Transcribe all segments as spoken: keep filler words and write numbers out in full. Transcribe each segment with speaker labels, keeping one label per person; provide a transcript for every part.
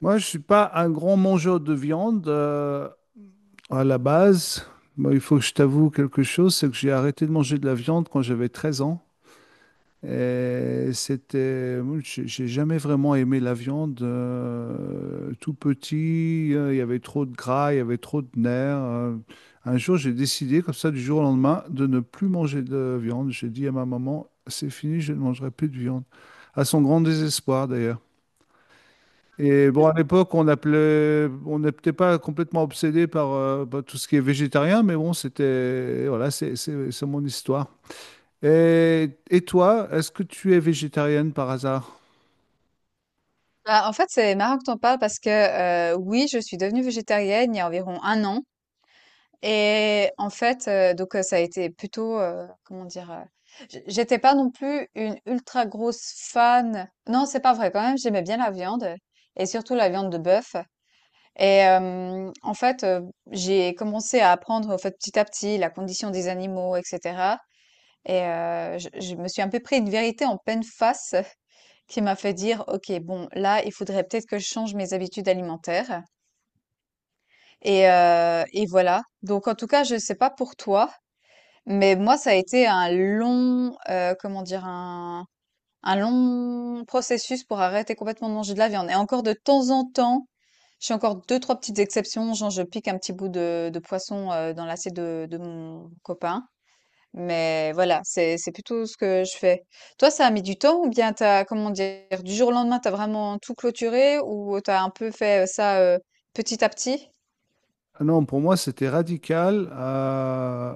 Speaker 1: Moi, je suis pas un grand mangeur de viande euh, à la base. Moi, il faut que je t'avoue quelque chose, c'est que j'ai arrêté de manger de la viande quand j'avais treize ans. Et c'était, moi, j'ai j'ai jamais vraiment aimé la viande. Euh, tout petit, euh, il y avait trop de gras, il y avait trop de nerfs. euh. Un jour, j'ai décidé, comme ça, du jour au lendemain, de ne plus manger de viande. J'ai dit à ma maman, c'est fini, je ne mangerai plus de viande. À son grand désespoir, d'ailleurs. Et bon, à l'époque, on appelait, on n'est peut-être pas complètement obsédé par, euh, par tout ce qui est végétarien, mais bon, c'était, voilà, c'est c'est- c'est mon histoire. Et, et toi, est-ce que tu es végétarienne par hasard?
Speaker 2: Bah, en fait, c'est marrant que tu en parles parce que euh, oui, je suis devenue végétarienne il y a environ un an. Et en fait, euh, donc euh, ça a été plutôt, euh, comment dire, euh, j- j'étais pas non plus une ultra grosse fan. Non, c'est pas vrai quand même, j'aimais bien la viande et surtout la viande de bœuf. Et euh, en fait, euh, j'ai commencé à apprendre en fait, petit à petit la condition des animaux, et cetera. Et euh, je, je me suis un peu pris une vérité en pleine face qui m'a fait dire: «OK, bon, là, il faudrait peut-être que je change mes habitudes alimentaires» et heu et voilà. Donc en tout cas, je ne sais pas pour toi, mais moi, ça a été un long, heu, comment dire? Un un long processus pour arrêter complètement de manger de la viande et encore de temps en temps, je fais encore deux trois petites exceptions, genre je pique un petit bout de de poisson, heu, dans l'assiette de de mon copain mais voilà, c'est c'est plutôt ce que je fais. Toi, ça a mis du temps ou bien t'as, comment dire, du jour au lendemain, t'as vraiment tout clôturé ou t'as un peu fait euh, ça euh, petit à petit?
Speaker 1: Ah non, pour moi, c'était radical. euh,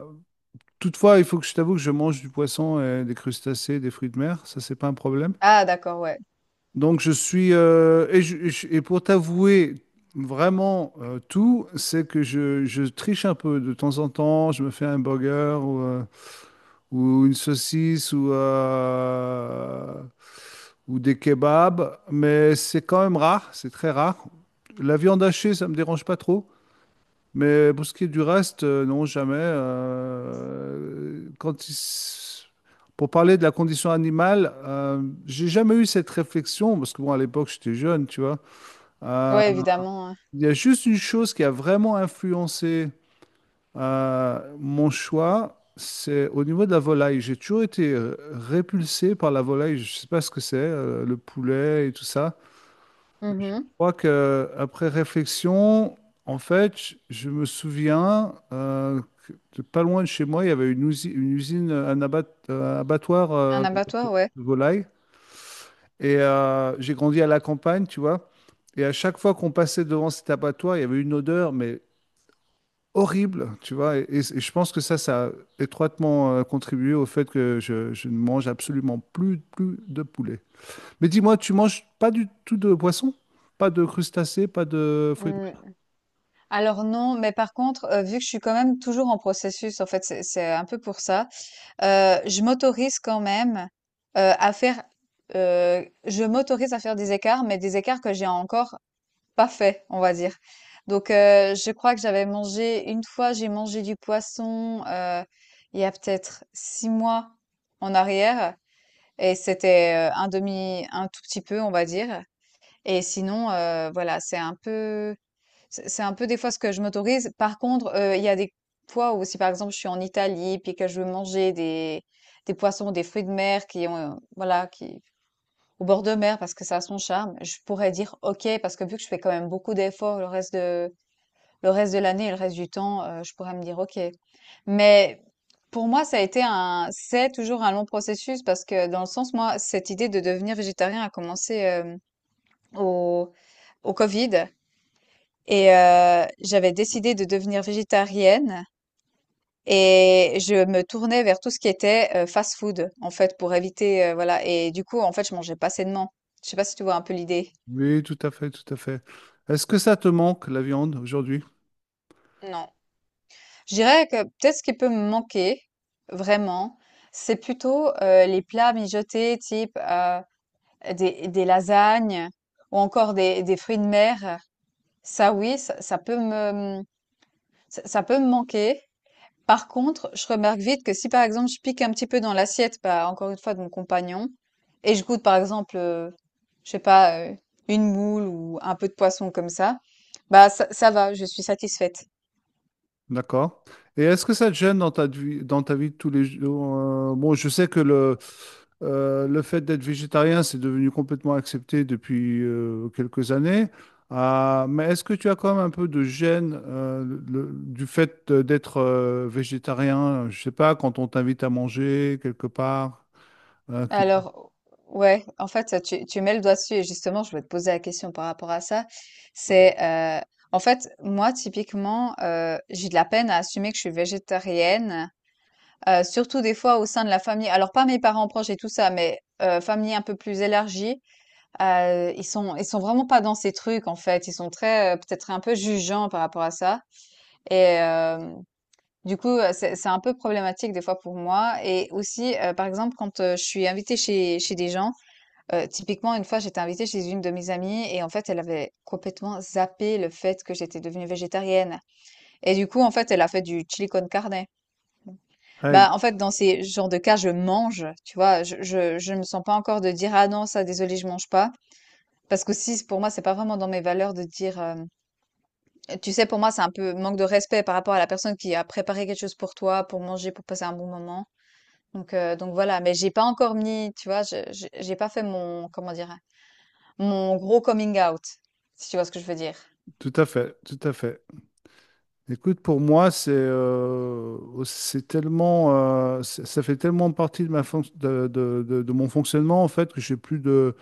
Speaker 1: Toutefois, il faut que je t'avoue que je mange du poisson, et des crustacés, des fruits de mer. Ça, c'est pas un problème.
Speaker 2: Ah, d'accord, ouais.
Speaker 1: Donc, je suis. euh, Et, je- je- et pour t'avouer vraiment euh, tout, c'est que je, je triche un peu de temps en temps. Je me fais un burger ou une saucisse ou, euh, ou des kebabs, mais c'est quand même rare, c'est très rare. La viande hachée, ça me dérange pas trop, mais pour ce qui est du reste, euh, non, jamais. euh, quand il s- Pour parler de la condition animale, euh, j'ai jamais eu cette réflexion, parce que bon, à l'époque, j'étais jeune, tu vois. Euh,
Speaker 2: Ouais, évidemment, hein.
Speaker 1: Il y a juste une chose qui a vraiment influencé euh, mon choix, c'est au niveau de la volaille. J'ai toujours été euh, répulsé par la volaille. Je ne sais pas ce que c'est, euh, le poulet et tout ça. Je
Speaker 2: Mhm.
Speaker 1: crois que après réflexion, en fait, je je me souviens euh, que de pas loin de chez moi, il y avait une usine, une usine, euh, un abat- euh, abattoir euh,
Speaker 2: Un abattoir, ouais.
Speaker 1: de volaille. Et euh, j'ai grandi à la campagne, tu vois. Et à chaque fois qu'on passait devant cet abattoir, il y avait une odeur, mais horrible, tu vois. Et, et- et je pense que ça, ça a étroitement euh, contribué au fait que je, je ne mange absolument plus, plus de poulet. Mais dis-moi, tu manges pas du tout de poisson? Pas de crustacés, pas de fruits de mer?
Speaker 2: Hmm. Alors non, mais par contre, euh, vu que je suis quand même toujours en processus, en fait, c'est c'est un peu pour ça, euh, je m'autorise quand même euh, à faire, euh, je m'autorise à faire des écarts, mais des écarts que j'ai encore pas fait, on va dire. Donc, euh, je crois que j'avais mangé, une fois, j'ai mangé du poisson euh, il y a peut-être six mois en arrière. Et c'était euh, un demi, un tout petit peu, on va dire. Et sinon, euh, voilà, c'est un peu, c'est c'est un peu des fois ce que je m'autorise. Par contre, euh, il y a des fois où si par exemple je suis en Italie puis que je veux manger des, des poissons, des fruits de mer qui ont, euh, voilà, qui, au bord de mer parce que ça a son charme. Je pourrais dire OK parce que vu que je fais quand même beaucoup d'efforts le reste de le reste de l'année et le reste du temps, euh, je pourrais me dire OK. Mais pour moi, ça a été un c'est toujours un long processus parce que dans le sens moi, cette idée de devenir végétarien a commencé euh, au au Covid et euh, j'avais décidé de devenir végétarienne. Et je me tournais vers tout ce qui était euh, fast-food, en fait, pour éviter, euh, voilà. Et du coup, en fait, je mangeais pas sainement. Je sais pas si tu vois un peu l'idée.
Speaker 1: Oui, tout à fait, tout à fait. Est-ce que ça te manque, la viande, aujourd'hui?
Speaker 2: Non. Je dirais que peut-être ce qui peut me manquer, vraiment, c'est plutôt euh, les plats mijotés type euh, des, des lasagnes ou encore des, des fruits de mer. Ça, oui, ça, ça peut me, ça, ça peut me manquer. Par contre, je remarque vite que si par exemple je pique un petit peu dans l'assiette, bah, encore une fois de mon compagnon, et je goûte par exemple, euh, je sais pas, euh, une moule ou un peu de poisson comme ça, bah ça, ça va, je suis satisfaite.
Speaker 1: D'accord. Et est-ce que ça te gêne dans ta vie, dans ta vie de tous les jours? Euh, bon, je sais que le, Euh, le fait d'être végétarien, c'est devenu complètement accepté depuis euh, quelques années. Ah, mais est-ce que tu as quand même un peu de gêne euh, le- du fait de- d'être euh, végétarien? Je sais pas, quand on t'invite à manger quelque part. hein, que-
Speaker 2: Alors, ouais, en fait, tu, tu mets le doigt dessus et justement, je voulais te poser la question par rapport à ça. C'est, euh, en fait, moi, typiquement, euh, j'ai de la peine à assumer que je suis végétarienne. Heu, surtout des fois au sein de la famille, alors pas mes parents proches et tout ça, mais heu, famille un peu plus élargie, heu, ils sont ils sont vraiment pas dans ces trucs en fait. Ils sont très, heu, peut-être un peu jugeants par rapport à ça et hem, du coup, heu, c'est c'est un peu problématique des fois pour moi et aussi, heu, par exemple quand, heu, je suis invitée chez chez des gens, heu, typiquement une fois j'étais invitée chez une de mes amies et en fait elle avait complètement zappé le fait que j'étais devenue végétarienne et du coup en fait elle a fait du chili con carne.
Speaker 1: Aïe,
Speaker 2: Bah, en fait, dans ces genres de cas, je mange, tu vois. Je, je, je me sens pas encore de dire, ah non, ça, désolé, je mange pas. Parce que si, pour moi, c'est pas vraiment dans mes valeurs de dire, euh, tu sais, pour moi, c'est un peu manque de respect par rapport à la personne qui a préparé quelque chose pour toi, pour manger, pour passer un bon moment. Donc, euh, donc voilà. Mais j'ai pas encore mis, tu vois, je- je- j'ai pas fait mon, comment dire, mon gros coming out, si tu vois ce que je veux dire.
Speaker 1: tout à fait, tout à fait. Écoute, pour moi, c'est euh, c'est tellement, euh, ça ça fait tellement partie de ma fonc- de, de- de- de mon fonctionnement en fait que j'ai plus de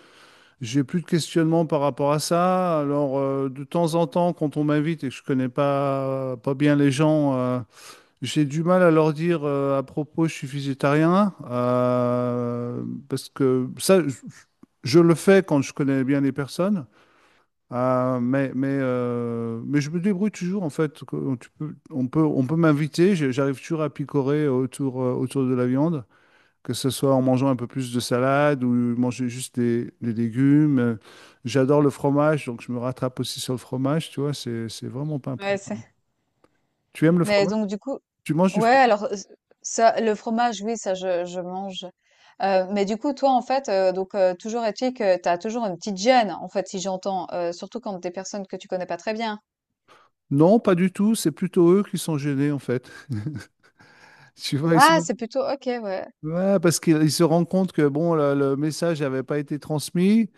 Speaker 1: j'ai plus de questionnement par rapport à ça. Alors, euh, de temps en temps, quand on m'invite et que je connais pas, pas bien les gens, euh, j'ai du mal à leur dire euh, à propos, je suis végétarien. euh, Parce que ça, je, je le fais quand je connais bien les personnes. Euh, mais, mais, euh, mais je me débrouille toujours, en fait. Que- tu peux- on peut, on peut m'inviter, j'ai- j'arrive toujours à picorer autour, euh, autour de la viande que ce soit en mangeant un peu plus de salade ou manger juste des, des légumes. Euh, J'adore le fromage, donc je me rattrape aussi sur le fromage, tu vois, c'est, c'est vraiment pas un
Speaker 2: Ouais,
Speaker 1: problème. Tu aimes le
Speaker 2: mais
Speaker 1: fromage?
Speaker 2: donc du coup,
Speaker 1: Tu manges du
Speaker 2: ouais,
Speaker 1: fromage?
Speaker 2: alors euh, ça, le fromage, oui, ça je, je mange. Euh, mais du coup, toi, en fait, euh, donc euh, toujours est-il que tu as toujours une petite gêne, en fait, si j'entends, euh, surtout quand des personnes que tu connais pas très bien.
Speaker 1: Non, pas du tout, c'est plutôt eux qui sont gênés en fait. Tu vois, ils
Speaker 2: Ah,
Speaker 1: sont...
Speaker 2: c'est plutôt ok, ouais,
Speaker 1: Ouais, parce qu'ils ils se rendent compte que bon, le, le message n'avait pas été transmis.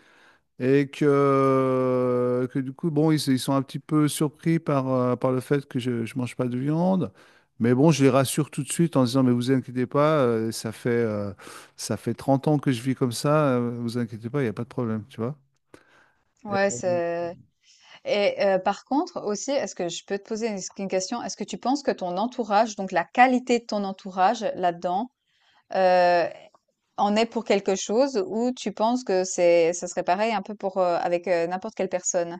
Speaker 1: Et que, que du coup, bon, ils, ils sont un petit peu surpris par, euh, par le fait que je ne mange pas de viande. Mais bon, je les rassure tout de suite en disant, mais vous inquiétez pas, euh, ça fait, euh, ça fait trente ans que je vis comme ça, euh, vous inquiétez pas, il n'y a pas de problème, tu vois.
Speaker 2: ouais,
Speaker 1: Et-
Speaker 2: c'est. Et euh, par contre, aussi, est-ce que je peux te poser une, une question? Est-ce que tu penses que ton entourage, donc la qualité de ton entourage là-dedans, euh, en est pour quelque chose, ou tu penses que c'est, ça serait pareil un peu pour euh, avec euh, n'importe quelle personne?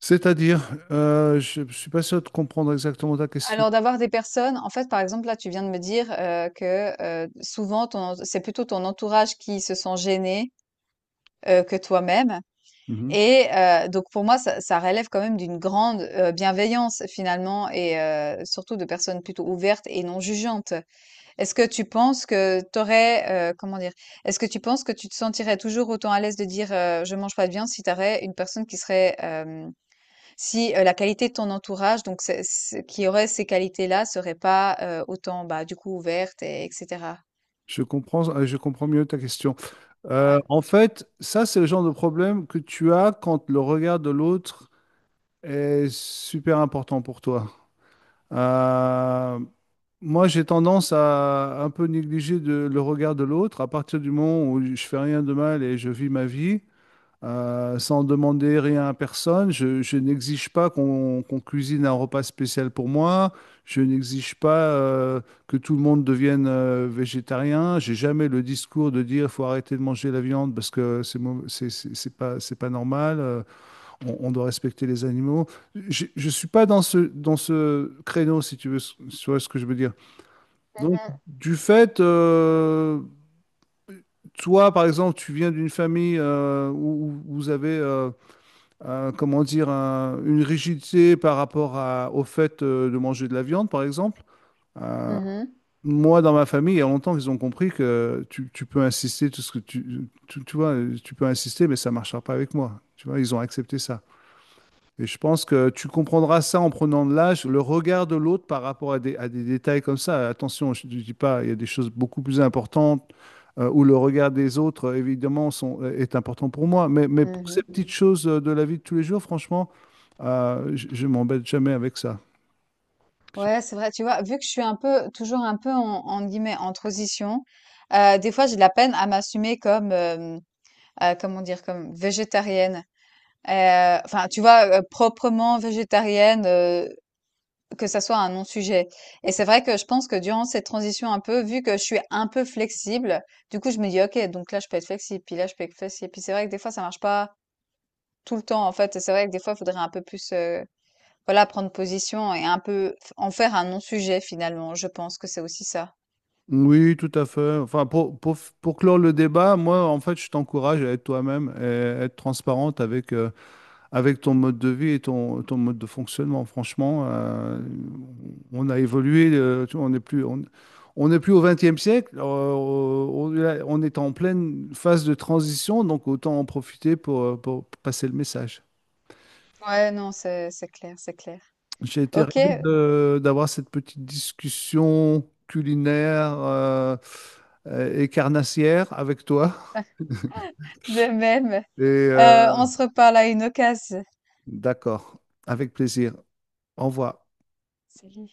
Speaker 1: C'est-à-dire, euh, je ne suis pas sûr de comprendre exactement ta question.
Speaker 2: Alors d'avoir des personnes, en fait, par exemple, là, tu viens de me dire euh, que euh, souvent, ton, c'est plutôt ton entourage qui se sent gêné euh, que toi-même.
Speaker 1: Mhm.
Speaker 2: Et euh, donc pour moi, ça, ça relève quand même d'une grande euh, bienveillance finalement, et euh, surtout de personnes plutôt ouvertes et non jugeantes. Est-ce que tu penses que t'aurais, euh, comment dire, est-ce que tu penses que tu te sentirais toujours autant à l'aise de dire euh, je mange pas de viande si t'aurais une personne qui serait euh, si, heu, la qualité de ton entourage, donc c'est ce qui aurait ces qualités-là serait pas, heu, autant, bah, du coup ouverte et et
Speaker 1: Je comprends, euh, je comprends mieux ta question. Euh,
Speaker 2: Ouais.
Speaker 1: en fait, ça, c'est le genre de problème que tu as quand le regard de l'autre est super important pour toi. Euh, Moi, j'ai tendance à un peu négliger de- le regard de l'autre. À partir du moment où je fais rien de mal et je vis ma vie, euh, sans demander rien à personne, je, je n'exige pas qu'on qu'on cuisine un repas spécial pour moi. Je n'exige pas euh, que tout le monde devienne euh, végétarien. J'ai jamais le discours de dire faut arrêter de manger la viande parce que c'est mau- c'est c'est- c'est pas c'est pas normal. Euh, on, on doit respecter les animaux. Je ne suis pas dans ce, dans ce créneau, si tu veux, si tu vois ce que je veux dire. Donc,
Speaker 2: Mmh
Speaker 1: du fait, euh, toi, par exemple, tu viens d'une famille euh, où, où vous avez, euh, un- comment dire, un- une rigidité par rapport à- au fait euh, de manger de la viande, par exemple. Euh,
Speaker 2: mh.
Speaker 1: Moi, dans ma famille, il y a longtemps qu'ils ont compris que tu, tu peux insister, tout ce que tu, tu, tu vois, tu peux insister, mais ça ne marchera pas avec moi. Tu vois, ils ont accepté ça. Et je pense que tu comprendras ça en prenant de l'âge, le regard de l'autre par rapport à des, à des détails comme ça. Attention, je ne dis pas, il y a des choses beaucoup plus importantes euh, où le regard des autres, euh, évidemment, sont, euh, est important pour moi. Mais, mais pour ces
Speaker 2: Mmh
Speaker 1: petites choses euh, de la vie de tous les jours, franchement, euh, je je m'embête jamais avec ça. Je-
Speaker 2: Ouais, c'est vrai, tu vois? Vu que je suis un peu toujours un peu en entre guillemets «en transition», heu, des fois j'ai de la peine à m'assumer comme, hem, heu, comment dire? Comme végétarienne. Heu, enfin, tu vois, heu, proprement végétarienne, euh, Que ça soit un non-sujet et c'est vrai que je pense que durant cette transition un peu, vu que je suis un peu flexible, du coup, je me dis: «OK, donc là, je peux être flexible, puis là, je peux être flexible». Puis c'est vrai que des fois, ça marche pas tout le temps, en fait et c'est vrai que des fois, il faudrait un peu plus, heu, voilà, prendre position et un peu f en faire un non-sujet finalement. Je pense que c'est aussi ça.
Speaker 1: Oui, tout à fait. Enfin, pour, pour, pour clore le débat, moi, en fait, je t'encourage à être toi-même et à être transparente avec, euh, avec ton mode de vie et ton, ton mode de fonctionnement. Franchement, euh, on a évolué, euh, tu vois, on n'est plus, on, on n'est plus au vingtième siècle, euh, on, on est en pleine phase de transition, donc autant en profiter pour, euh, pour passer le message.
Speaker 2: Ouais, non, c'est c'est clair, c'est clair.
Speaker 1: J'ai été
Speaker 2: OK,
Speaker 1: ravi de- d'avoir cette petite discussion culinaire euh, euh, et carnassière avec toi.
Speaker 2: de même.
Speaker 1: Et
Speaker 2: Heu,
Speaker 1: euh,
Speaker 2: on se reparle à une occasion.
Speaker 1: d'accord, avec plaisir. Au revoir.
Speaker 2: Salut.